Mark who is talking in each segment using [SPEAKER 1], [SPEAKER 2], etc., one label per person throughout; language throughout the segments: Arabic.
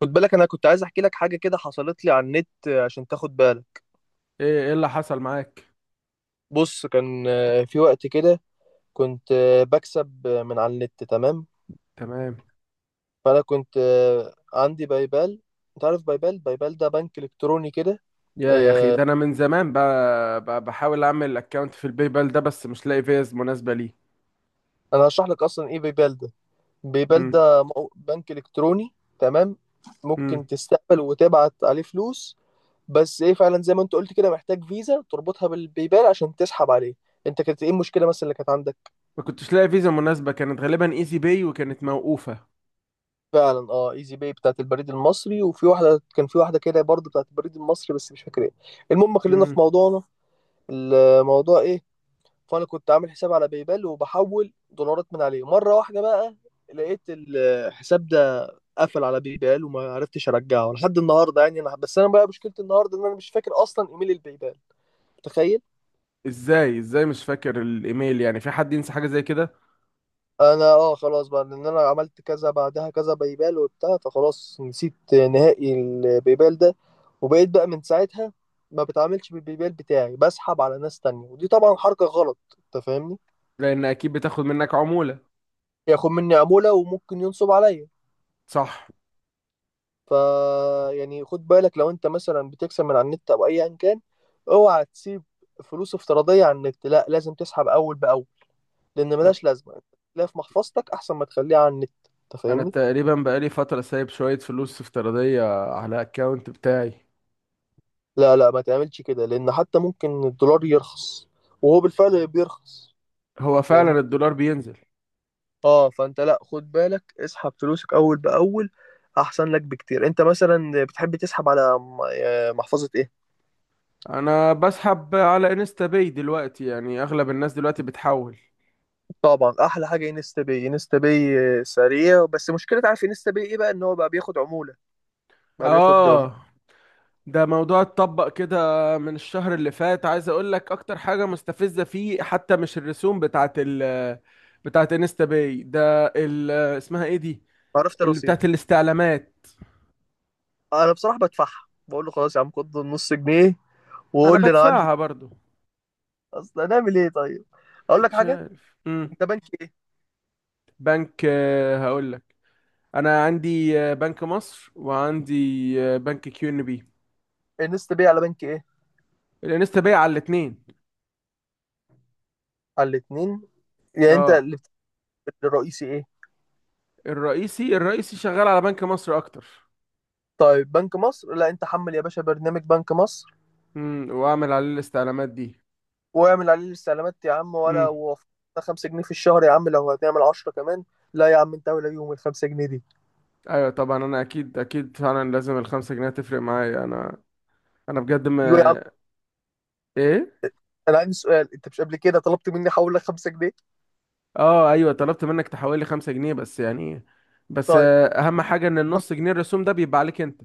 [SPEAKER 1] خد بالك انا كنت عايز احكي لك حاجه كده حصلت لي على النت عشان تاخد بالك.
[SPEAKER 2] ايه اللي حصل معاك.
[SPEAKER 1] بص كان في وقت كده كنت بكسب من على النت. تمام.
[SPEAKER 2] تمام.
[SPEAKER 1] فانا كنت عندي بايبال. انت عارف بايبال، ده بنك الكتروني كده.
[SPEAKER 2] يا اخي،
[SPEAKER 1] آه،
[SPEAKER 2] ده انا من زمان بقى بحاول اعمل اكونت في الباي بال ده، بس مش لاقي فيز مناسبه ليه.
[SPEAKER 1] انا هشرح لك اصلا ايه بايبال ده. بايبال
[SPEAKER 2] امم
[SPEAKER 1] ده بنك الكتروني. تمام. ممكن
[SPEAKER 2] امم
[SPEAKER 1] تستقبل وتبعت عليه فلوس. بس ايه فعلا زي ما انت قلت كده محتاج فيزا تربطها بالبايبال عشان تسحب عليه. انت كانت ايه المشكله مثلا اللي كانت عندك؟
[SPEAKER 2] ما كنتش لاقي فيزا مناسبه، كانت غالبا ايزي باي وكانت موقوفه.
[SPEAKER 1] فعلا اه، ايزي باي بتاعت البريد المصري، وفي واحده كان في واحده كده برضه بتاعت البريد المصري بس مش فاكر ايه. المهم خلينا في
[SPEAKER 2] امم.
[SPEAKER 1] موضوعنا. الموضوع ايه؟ فانا كنت عامل حساب على بايبال وبحول دولارات من عليه. مره واحده بقى لقيت الحساب ده قفل على بايبال، وما عرفتش ارجعه لحد النهارده. يعني انا بس انا بقى مشكلتي النهارده ان انا مش فاكر اصلا ايميل البايبال، تخيل.
[SPEAKER 2] ازاي مش فاكر الايميل؟ يعني في حد ينسى حاجه زي كده؟
[SPEAKER 1] انا اه خلاص بقى، لان انا عملت كذا بعدها كذا بيبال وبتاع، فخلاص نسيت نهائي البيبال ده. وبقيت بقى من ساعتها ما بتعاملش بالبيبال بتاعي، بسحب على ناس تانية، ودي طبعا حركة غلط، انت فاهمني.
[SPEAKER 2] لان اكيد بتاخد منك عموله.
[SPEAKER 1] ياخد مني عمولة وممكن ينصب عليا.
[SPEAKER 2] صح.
[SPEAKER 1] ف يعني خد بالك لو انت مثلا بتكسب من على النت او ايا كان، اوعى تسيب فلوس افتراضية على النت، لا لازم تسحب اول باول، لان
[SPEAKER 2] طب
[SPEAKER 1] ملهاش لازمة. تلاقيها في محفظتك احسن ما تخليها على النت، انت
[SPEAKER 2] انا
[SPEAKER 1] فاهمني.
[SPEAKER 2] تقريبا بقالي فتره سايب شويه فلوس افتراضيه على الاكونت بتاعي.
[SPEAKER 1] لا، ما تعملش كده، لان حتى ممكن الدولار يرخص، وهو بالفعل بيرخص.
[SPEAKER 2] هو
[SPEAKER 1] لان
[SPEAKER 2] فعلا الدولار بينزل.
[SPEAKER 1] اه، فانت لا خد بالك، اسحب فلوسك اول باول، احسن لك بكتير. انت مثلا بتحب تسحب على محفظة ايه؟
[SPEAKER 2] انا بسحب على انستا باي دلوقتي، يعني اغلب الناس دلوقتي بتحول.
[SPEAKER 1] طبعا احلى حاجة انستا باي. انستا باي سريع بس مشكلة، عارف انستا باي ايه بقى؟ ان هو بقى بياخد عمولة. بقى بياخد عمولة
[SPEAKER 2] اه. ده موضوع اتطبق كده من الشهر اللي فات، عايز اقول لك اكتر حاجة مستفزة فيه حتى مش الرسوم بتاعت انستا باي ده، ال اسمها ايه دي
[SPEAKER 1] عرفت
[SPEAKER 2] اللي
[SPEAKER 1] الرصيد.
[SPEAKER 2] بتاعت الاستعلامات.
[SPEAKER 1] انا بصراحة بدفعها، بقول له خلاص يا عم خد 1/2 جنيه
[SPEAKER 2] انا
[SPEAKER 1] وقول لي انا عندي.
[SPEAKER 2] بدفعها برضو.
[SPEAKER 1] اصل هنعمل ايه طيب؟ اقول لك
[SPEAKER 2] مش
[SPEAKER 1] حاجة.
[SPEAKER 2] عارف.
[SPEAKER 1] انت بنك ايه؟
[SPEAKER 2] بنك، هقول لك. انا عندي بنك مصر، وعندي بنك كيو ان بي.
[SPEAKER 1] انستا باي على بنك ايه؟
[SPEAKER 2] الانستا باي على الاتنين.
[SPEAKER 1] على الاتنين. يعني انت
[SPEAKER 2] اه.
[SPEAKER 1] اللي الرئيسي ايه؟
[SPEAKER 2] الرئيسي شغال على بنك مصر اكتر.
[SPEAKER 1] طيب بنك مصر، لا انت حمل يا باشا برنامج بنك مصر،
[SPEAKER 2] واعمل عليه الاستعلامات دي.
[SPEAKER 1] واعمل عليه الاستعلامات يا عم ولا
[SPEAKER 2] امم
[SPEAKER 1] وفقنا. 5 جنيه في الشهر يا عم، لو هتعمل 10 كمان. لا يا عم، انت ولا يوم ال 5 جنيه دي.
[SPEAKER 2] ايوه طبعا، انا اكيد اكيد فعلا لازم الخمسة جنيه تفرق معايا. انا، انا بجد ما.
[SPEAKER 1] ايوه يا عم.
[SPEAKER 2] ايه؟
[SPEAKER 1] انا عندي سؤال، انت مش قبل كده طلبت مني احول لك 5 جنيه؟
[SPEAKER 2] اه ايوه طلبت منك تحول لي 5 جنيه، بس يعني بس
[SPEAKER 1] طيب،
[SPEAKER 2] اهم حاجة ان النص جنيه الرسوم ده بيبقى عليك انت.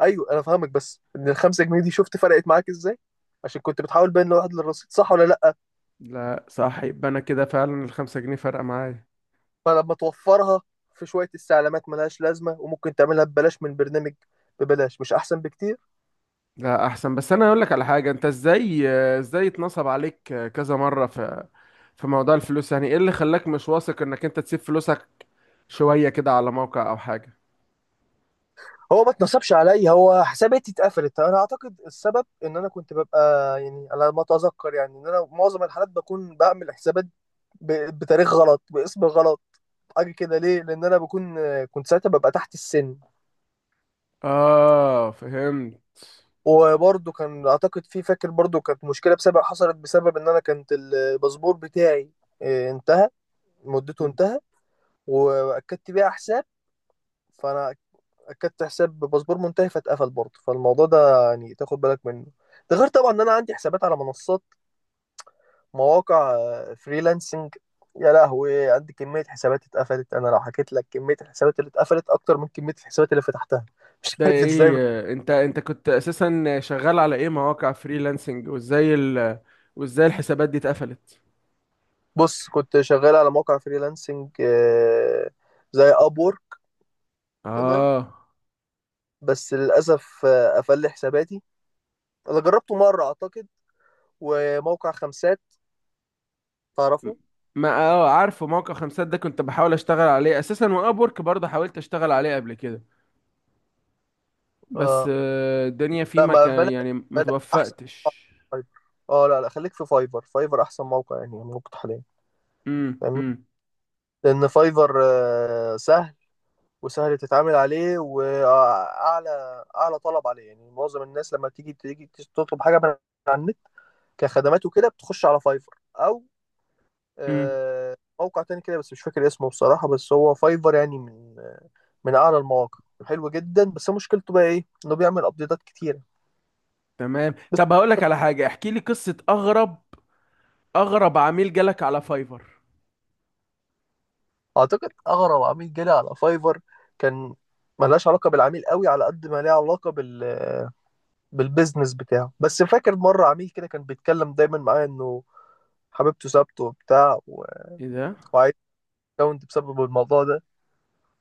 [SPEAKER 1] ايوه انا فاهمك، بس ان ال 5 جنيه دي شفت فرقت معاك ازاي؟ عشان كنت بتحاول بين الواحد للرصيد، صح ولا لا؟
[SPEAKER 2] لا، صح، يبقى انا كده فعلا الخمسة جنيه فارقة معايا.
[SPEAKER 1] فلما توفرها في شويه استعلامات ملهاش لازمه وممكن تعملها ببلاش من برنامج ببلاش، مش احسن بكتير؟
[SPEAKER 2] لا احسن. بس انا اقول لك على حاجة، انت ازاي اتنصب عليك كذا مرة؟ في موضوع الفلوس، يعني ايه اللي خلاك مش واثق انك انت تسيب فلوسك شوية كده على موقع أو حاجة؟
[SPEAKER 1] هو ما اتنصبش عليا، هو حساباتي اتقفلت. انا اعتقد السبب ان انا كنت ببقى، يعني على ما اتذكر، يعني ان انا معظم الحالات بكون بعمل حسابات بتاريخ غلط، باسم غلط، حاجه كده. ليه؟ لان انا بكون كنت ساعتها ببقى تحت السن.
[SPEAKER 2] آه، فهمت.
[SPEAKER 1] وبرضه كان اعتقد في، فاكر برضه كانت مشكله بسبب، حصلت بسبب ان انا كانت الباسبور بتاعي انتهى مدته، انتهى، واكدت بيها حساب. فانا اكدت حساب باسبور منتهي فاتقفل برضه. فالموضوع ده يعني تاخد بالك منه. ده غير طبعا ان انا عندي حسابات على منصات، مواقع فريلانسنج. يا لهوي، عندي كمية حسابات اتقفلت. انا لو حكيت لك كمية الحسابات اللي اتقفلت اكتر من كمية الحسابات اللي فتحتها. مش
[SPEAKER 2] ده
[SPEAKER 1] عارف ازاي.
[SPEAKER 2] إيه، أنت كنت أساسا شغال على إيه؟ مواقع فريلانسنج؟ وإزاي الحسابات دي اتقفلت؟
[SPEAKER 1] بص، كنت شغال على موقع فريلانسنج زي ابور. تمام.
[SPEAKER 2] آه
[SPEAKER 1] بس للاسف قفل لي حساباتي. انا جربته مرة اعتقد، وموقع خمسات،
[SPEAKER 2] م-
[SPEAKER 1] تعرفه؟
[SPEAKER 2] ما عارفه موقع خمسات ده، كنت بحاول أشتغل عليه أساسا، وأبورك برضه حاولت أشتغل عليه قبل كده، بس
[SPEAKER 1] آه.
[SPEAKER 2] الدنيا فيه
[SPEAKER 1] لا،
[SPEAKER 2] ما
[SPEAKER 1] ما
[SPEAKER 2] كان
[SPEAKER 1] بلاش،
[SPEAKER 2] يعني ما
[SPEAKER 1] بلاش احسن. موقع
[SPEAKER 2] توفقتش.
[SPEAKER 1] فايفر، اه لا لا خليك في فايفر، فايفر احسن موقع يعني موجود حاليا،
[SPEAKER 2] امم،
[SPEAKER 1] فاهمني.
[SPEAKER 2] امم،
[SPEAKER 1] لان فايفر سهل، وسهل تتعامل عليه، واعلى اعلى طلب عليه. يعني معظم الناس لما تيجي تطلب حاجه من على النت كخدمات وكده بتخش على فايفر او
[SPEAKER 2] امم.
[SPEAKER 1] موقع تاني كده بس مش فاكر اسمه بصراحه. بس هو فايفر يعني من اعلى المواقع، حلو جدا. بس مشكلته بقى ايه؟ انه بيعمل ابديتات كتيره.
[SPEAKER 2] تمام. طب هقول لك على حاجة، احكي لي قصة أغرب عميل جالك على فايفر.
[SPEAKER 1] اعتقد اغرب عميل جالي على فايفر كان، ملهاش علاقه بالعميل قوي على قد ما ليها علاقه بال، بالبيزنس بتاعه. بس فاكر مره عميل كده كان بيتكلم دايما معايا انه حبيبته سابته وبتاع
[SPEAKER 2] ايه ده؟
[SPEAKER 1] وعايز اكونت بسبب الموضوع ده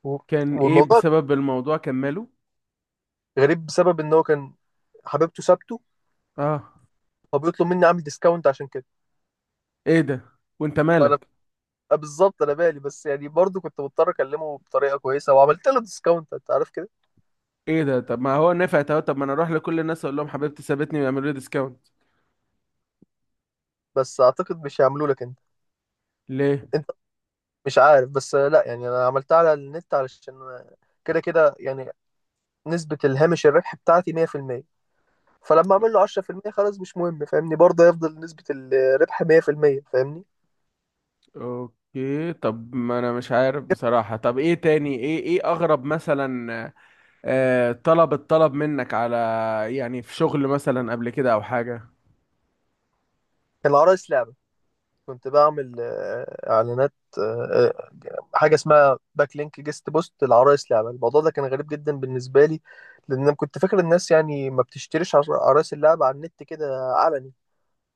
[SPEAKER 1] و-
[SPEAKER 2] كان ايه
[SPEAKER 1] والموضوع
[SPEAKER 2] بسبب الموضوع، كمله.
[SPEAKER 1] غريب، بسبب ان هو كان حبيبته سابته
[SPEAKER 2] اه.
[SPEAKER 1] فبيطلب مني اعمل ديسكاونت عشان كده.
[SPEAKER 2] ايه ده؟ وانت
[SPEAKER 1] فانا
[SPEAKER 2] مالك؟
[SPEAKER 1] بالظبط انا بالي، بس يعني برضو كنت مضطر اكلمه بطريقه كويسه وعملت له ديسكاونت، انت عارف كده.
[SPEAKER 2] ايه ده؟ طب ما هو نفعت اهو، طب ما انا اروح لكل الناس اقول لهم حبيبتي سابتني ويعملوا لي ديسكاونت.
[SPEAKER 1] بس اعتقد مش هيعملوا لك.
[SPEAKER 2] ليه؟
[SPEAKER 1] انت مش عارف، بس لا يعني انا عملتها على النت علشان كده كده يعني نسبة الهامش الربح بتاعتي 100%، فلما اعمل له 10% خلاص مش مهم، فاهمني، برضه هيفضل نسبة الربح 100%، فاهمني.
[SPEAKER 2] اوكي. طب ما انا مش عارف بصراحة، طب ايه تاني؟ ايه اغرب مثلا، الطلب منك على، يعني في شغل مثلا قبل كده او حاجة؟
[SPEAKER 1] كان العرايس لعبة، كنت بعمل اعلانات، آه، آه، حاجة اسمها باك لينك جيست بوست العرايس لعبة. الموضوع ده كان غريب جدا بالنسبة لي، لان انا كنت فاكر الناس يعني ما بتشتريش عرايس اللعبة على النت كده علني.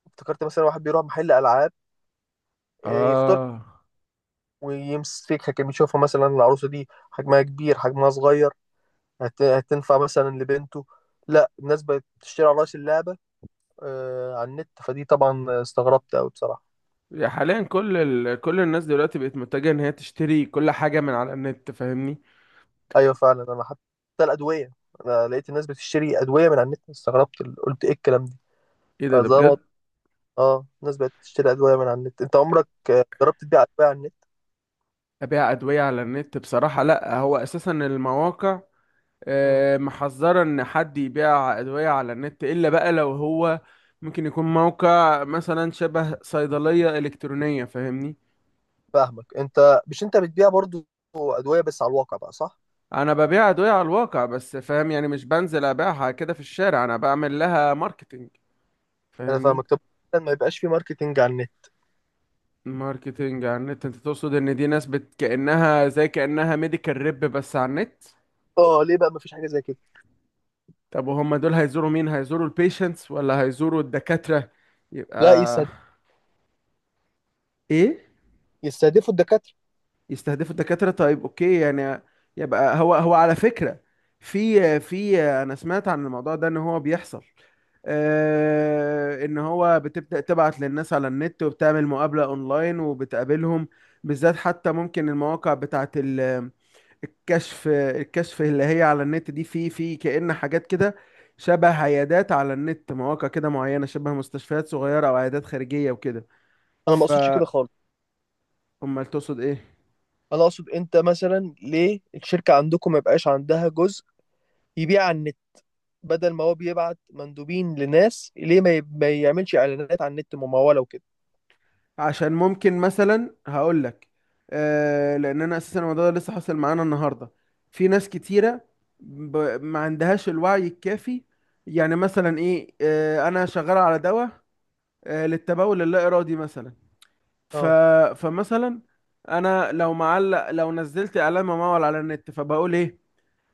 [SPEAKER 1] افتكرت مثلا واحد بيروح محل العاب يختار
[SPEAKER 2] اه.
[SPEAKER 1] ويمسكها، كان بيشوفها مثلا العروسة دي حجمها كبير حجمها صغير، هتنفع مثلا لبنته. لا، الناس بقت تشتري عرايس اللعبة آه على النت، فدي طبعا استغربت أوي بصراحة.
[SPEAKER 2] يا حاليا كل الناس دلوقتي بقت متجهة ان هي تشتري كل حاجة من على النت، فاهمني؟
[SPEAKER 1] أيوة فعلا، أنا حتى الأدوية، أنا لقيت الناس بتشتري أدوية من على النت، استغربت قلت إيه الكلام ده.
[SPEAKER 2] ايه ده، ده
[SPEAKER 1] فزي ما،
[SPEAKER 2] بجد؟
[SPEAKER 1] اه الناس بقت تشتري أدوية من على النت. أنت عمرك جربت تبيع أدوية على النت؟
[SPEAKER 2] ابيع ادويه على النت؟ بصراحه لا، هو اساسا المواقع
[SPEAKER 1] مم.
[SPEAKER 2] محذره ان حد يبيع ادويه على النت، الا بقى لو هو ممكن يكون موقع مثلا شبه صيدليه الكترونيه، فاهمني؟
[SPEAKER 1] فاهمك، أنت مش أنت بتبيع برضو أدوية بس على الواقع بقى، صح؟
[SPEAKER 2] انا ببيع ادويه على الواقع بس، فاهم، يعني مش بنزل ابيعها كده في الشارع، انا بعمل لها ماركتينج،
[SPEAKER 1] أنا
[SPEAKER 2] فاهمني؟
[SPEAKER 1] فاهمك، طب ما يبقاش في ماركتينج على النت.
[SPEAKER 2] ماركتينج على النت؟ انت تقصد ان دي ناس كانها ميديكال ريب بس على النت؟
[SPEAKER 1] اه ليه بقى ما فيش حاجة زي كده؟
[SPEAKER 2] طب وهم دول هيزوروا مين؟ هيزوروا البيشنتس ولا هيزوروا الدكاترة يبقى؟
[SPEAKER 1] لا يستهد...
[SPEAKER 2] ايه؟
[SPEAKER 1] يستهدفوا الدكاترة.
[SPEAKER 2] يستهدفوا الدكاترة؟ طيب، اوكي، يعني يبقى هو على فكرة في انا سمعت عن الموضوع ده ان هو بيحصل، ان هو بتبدأ تبعت للناس على النت وبتعمل مقابلة اونلاين وبتقابلهم، بالذات حتى ممكن المواقع بتاعت ال الكشف الكشف اللي هي على النت دي، في كأن حاجات كده شبه عيادات على النت، مواقع كده معينة شبه مستشفيات صغيرة أو عيادات خارجية وكده.
[SPEAKER 1] انا ما
[SPEAKER 2] ف
[SPEAKER 1] اقصدش كده خالص.
[SPEAKER 2] أمال تقصد إيه؟
[SPEAKER 1] انا اقصد انت مثلا ليه الشركة عندكم ما يبقاش عندها جزء يبيع على النت؟ بدل ما هو بيبعت مندوبين لناس، ليه ما يعملش اعلانات على النت ممولة وكده؟
[SPEAKER 2] عشان ممكن مثلا، هقول لك. آه، لأن أنا أساسا الموضوع ده لسه حاصل معانا النهاردة. في ناس كتيرة ما عندهاش الوعي الكافي. يعني مثلا إيه، أنا شغال على دواء للتبول اللا إرادي مثلا. ف...
[SPEAKER 1] اه.
[SPEAKER 2] فمثلا انا لو نزلت اعلان ممول على النت، فبقول ايه؟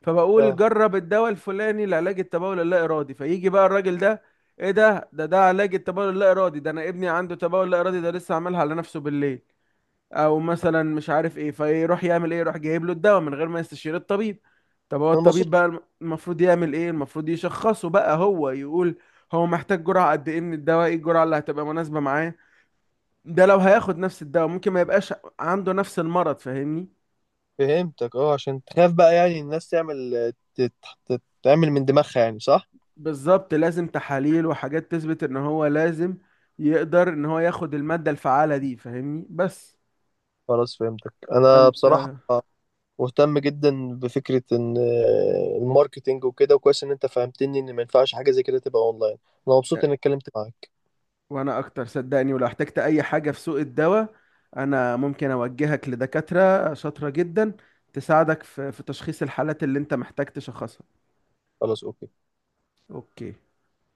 [SPEAKER 2] فبقول
[SPEAKER 1] اه
[SPEAKER 2] جرب الدواء الفلاني لعلاج التبول اللا ارادي، فيجي بقى الراجل ده، ايه ده علاج التبول اللا ارادي ده، انا ابني عنده تبول لا ارادي ده، لسه عاملها على نفسه بالليل، او مثلا مش عارف ايه، فيروح يعمل ايه؟ يروح جايب له الدواء من غير ما يستشير الطبيب. طب هو
[SPEAKER 1] انا ما
[SPEAKER 2] الطبيب
[SPEAKER 1] اقصدش.
[SPEAKER 2] بقى المفروض يعمل ايه؟ المفروض يشخصه بقى، هو يقول هو محتاج جرعة قد ايه من الدواء، ايه الجرعة اللي هتبقى مناسبة معاه، ده لو هياخد نفس الدواء ممكن ما يبقاش عنده نفس المرض، فاهمني؟
[SPEAKER 1] فهمتك، اه عشان تخاف بقى يعني الناس تعمل تعمل من دماغها يعني، صح.
[SPEAKER 2] بالظبط، لازم تحاليل وحاجات تثبت ان هو لازم يقدر ان هو ياخد المادة الفعالة دي، فاهمني؟ بس
[SPEAKER 1] خلاص فهمتك، انا
[SPEAKER 2] فانت.
[SPEAKER 1] بصراحة مهتم جدا بفكرة ان الماركتينج وكده، وكويس ان انت فهمتني ان ما ينفعش حاجة زي كده تبقى اونلاين. انا مبسوط اني اتكلمت معاك.
[SPEAKER 2] وانا اكتر، صدقني، ولو احتجت اي حاجة في سوق الدواء انا ممكن اوجهك لدكاترة شاطرة جدا تساعدك في تشخيص الحالات اللي انت محتاج تشخصها.
[SPEAKER 1] خلاص اوكي.
[SPEAKER 2] اوكي.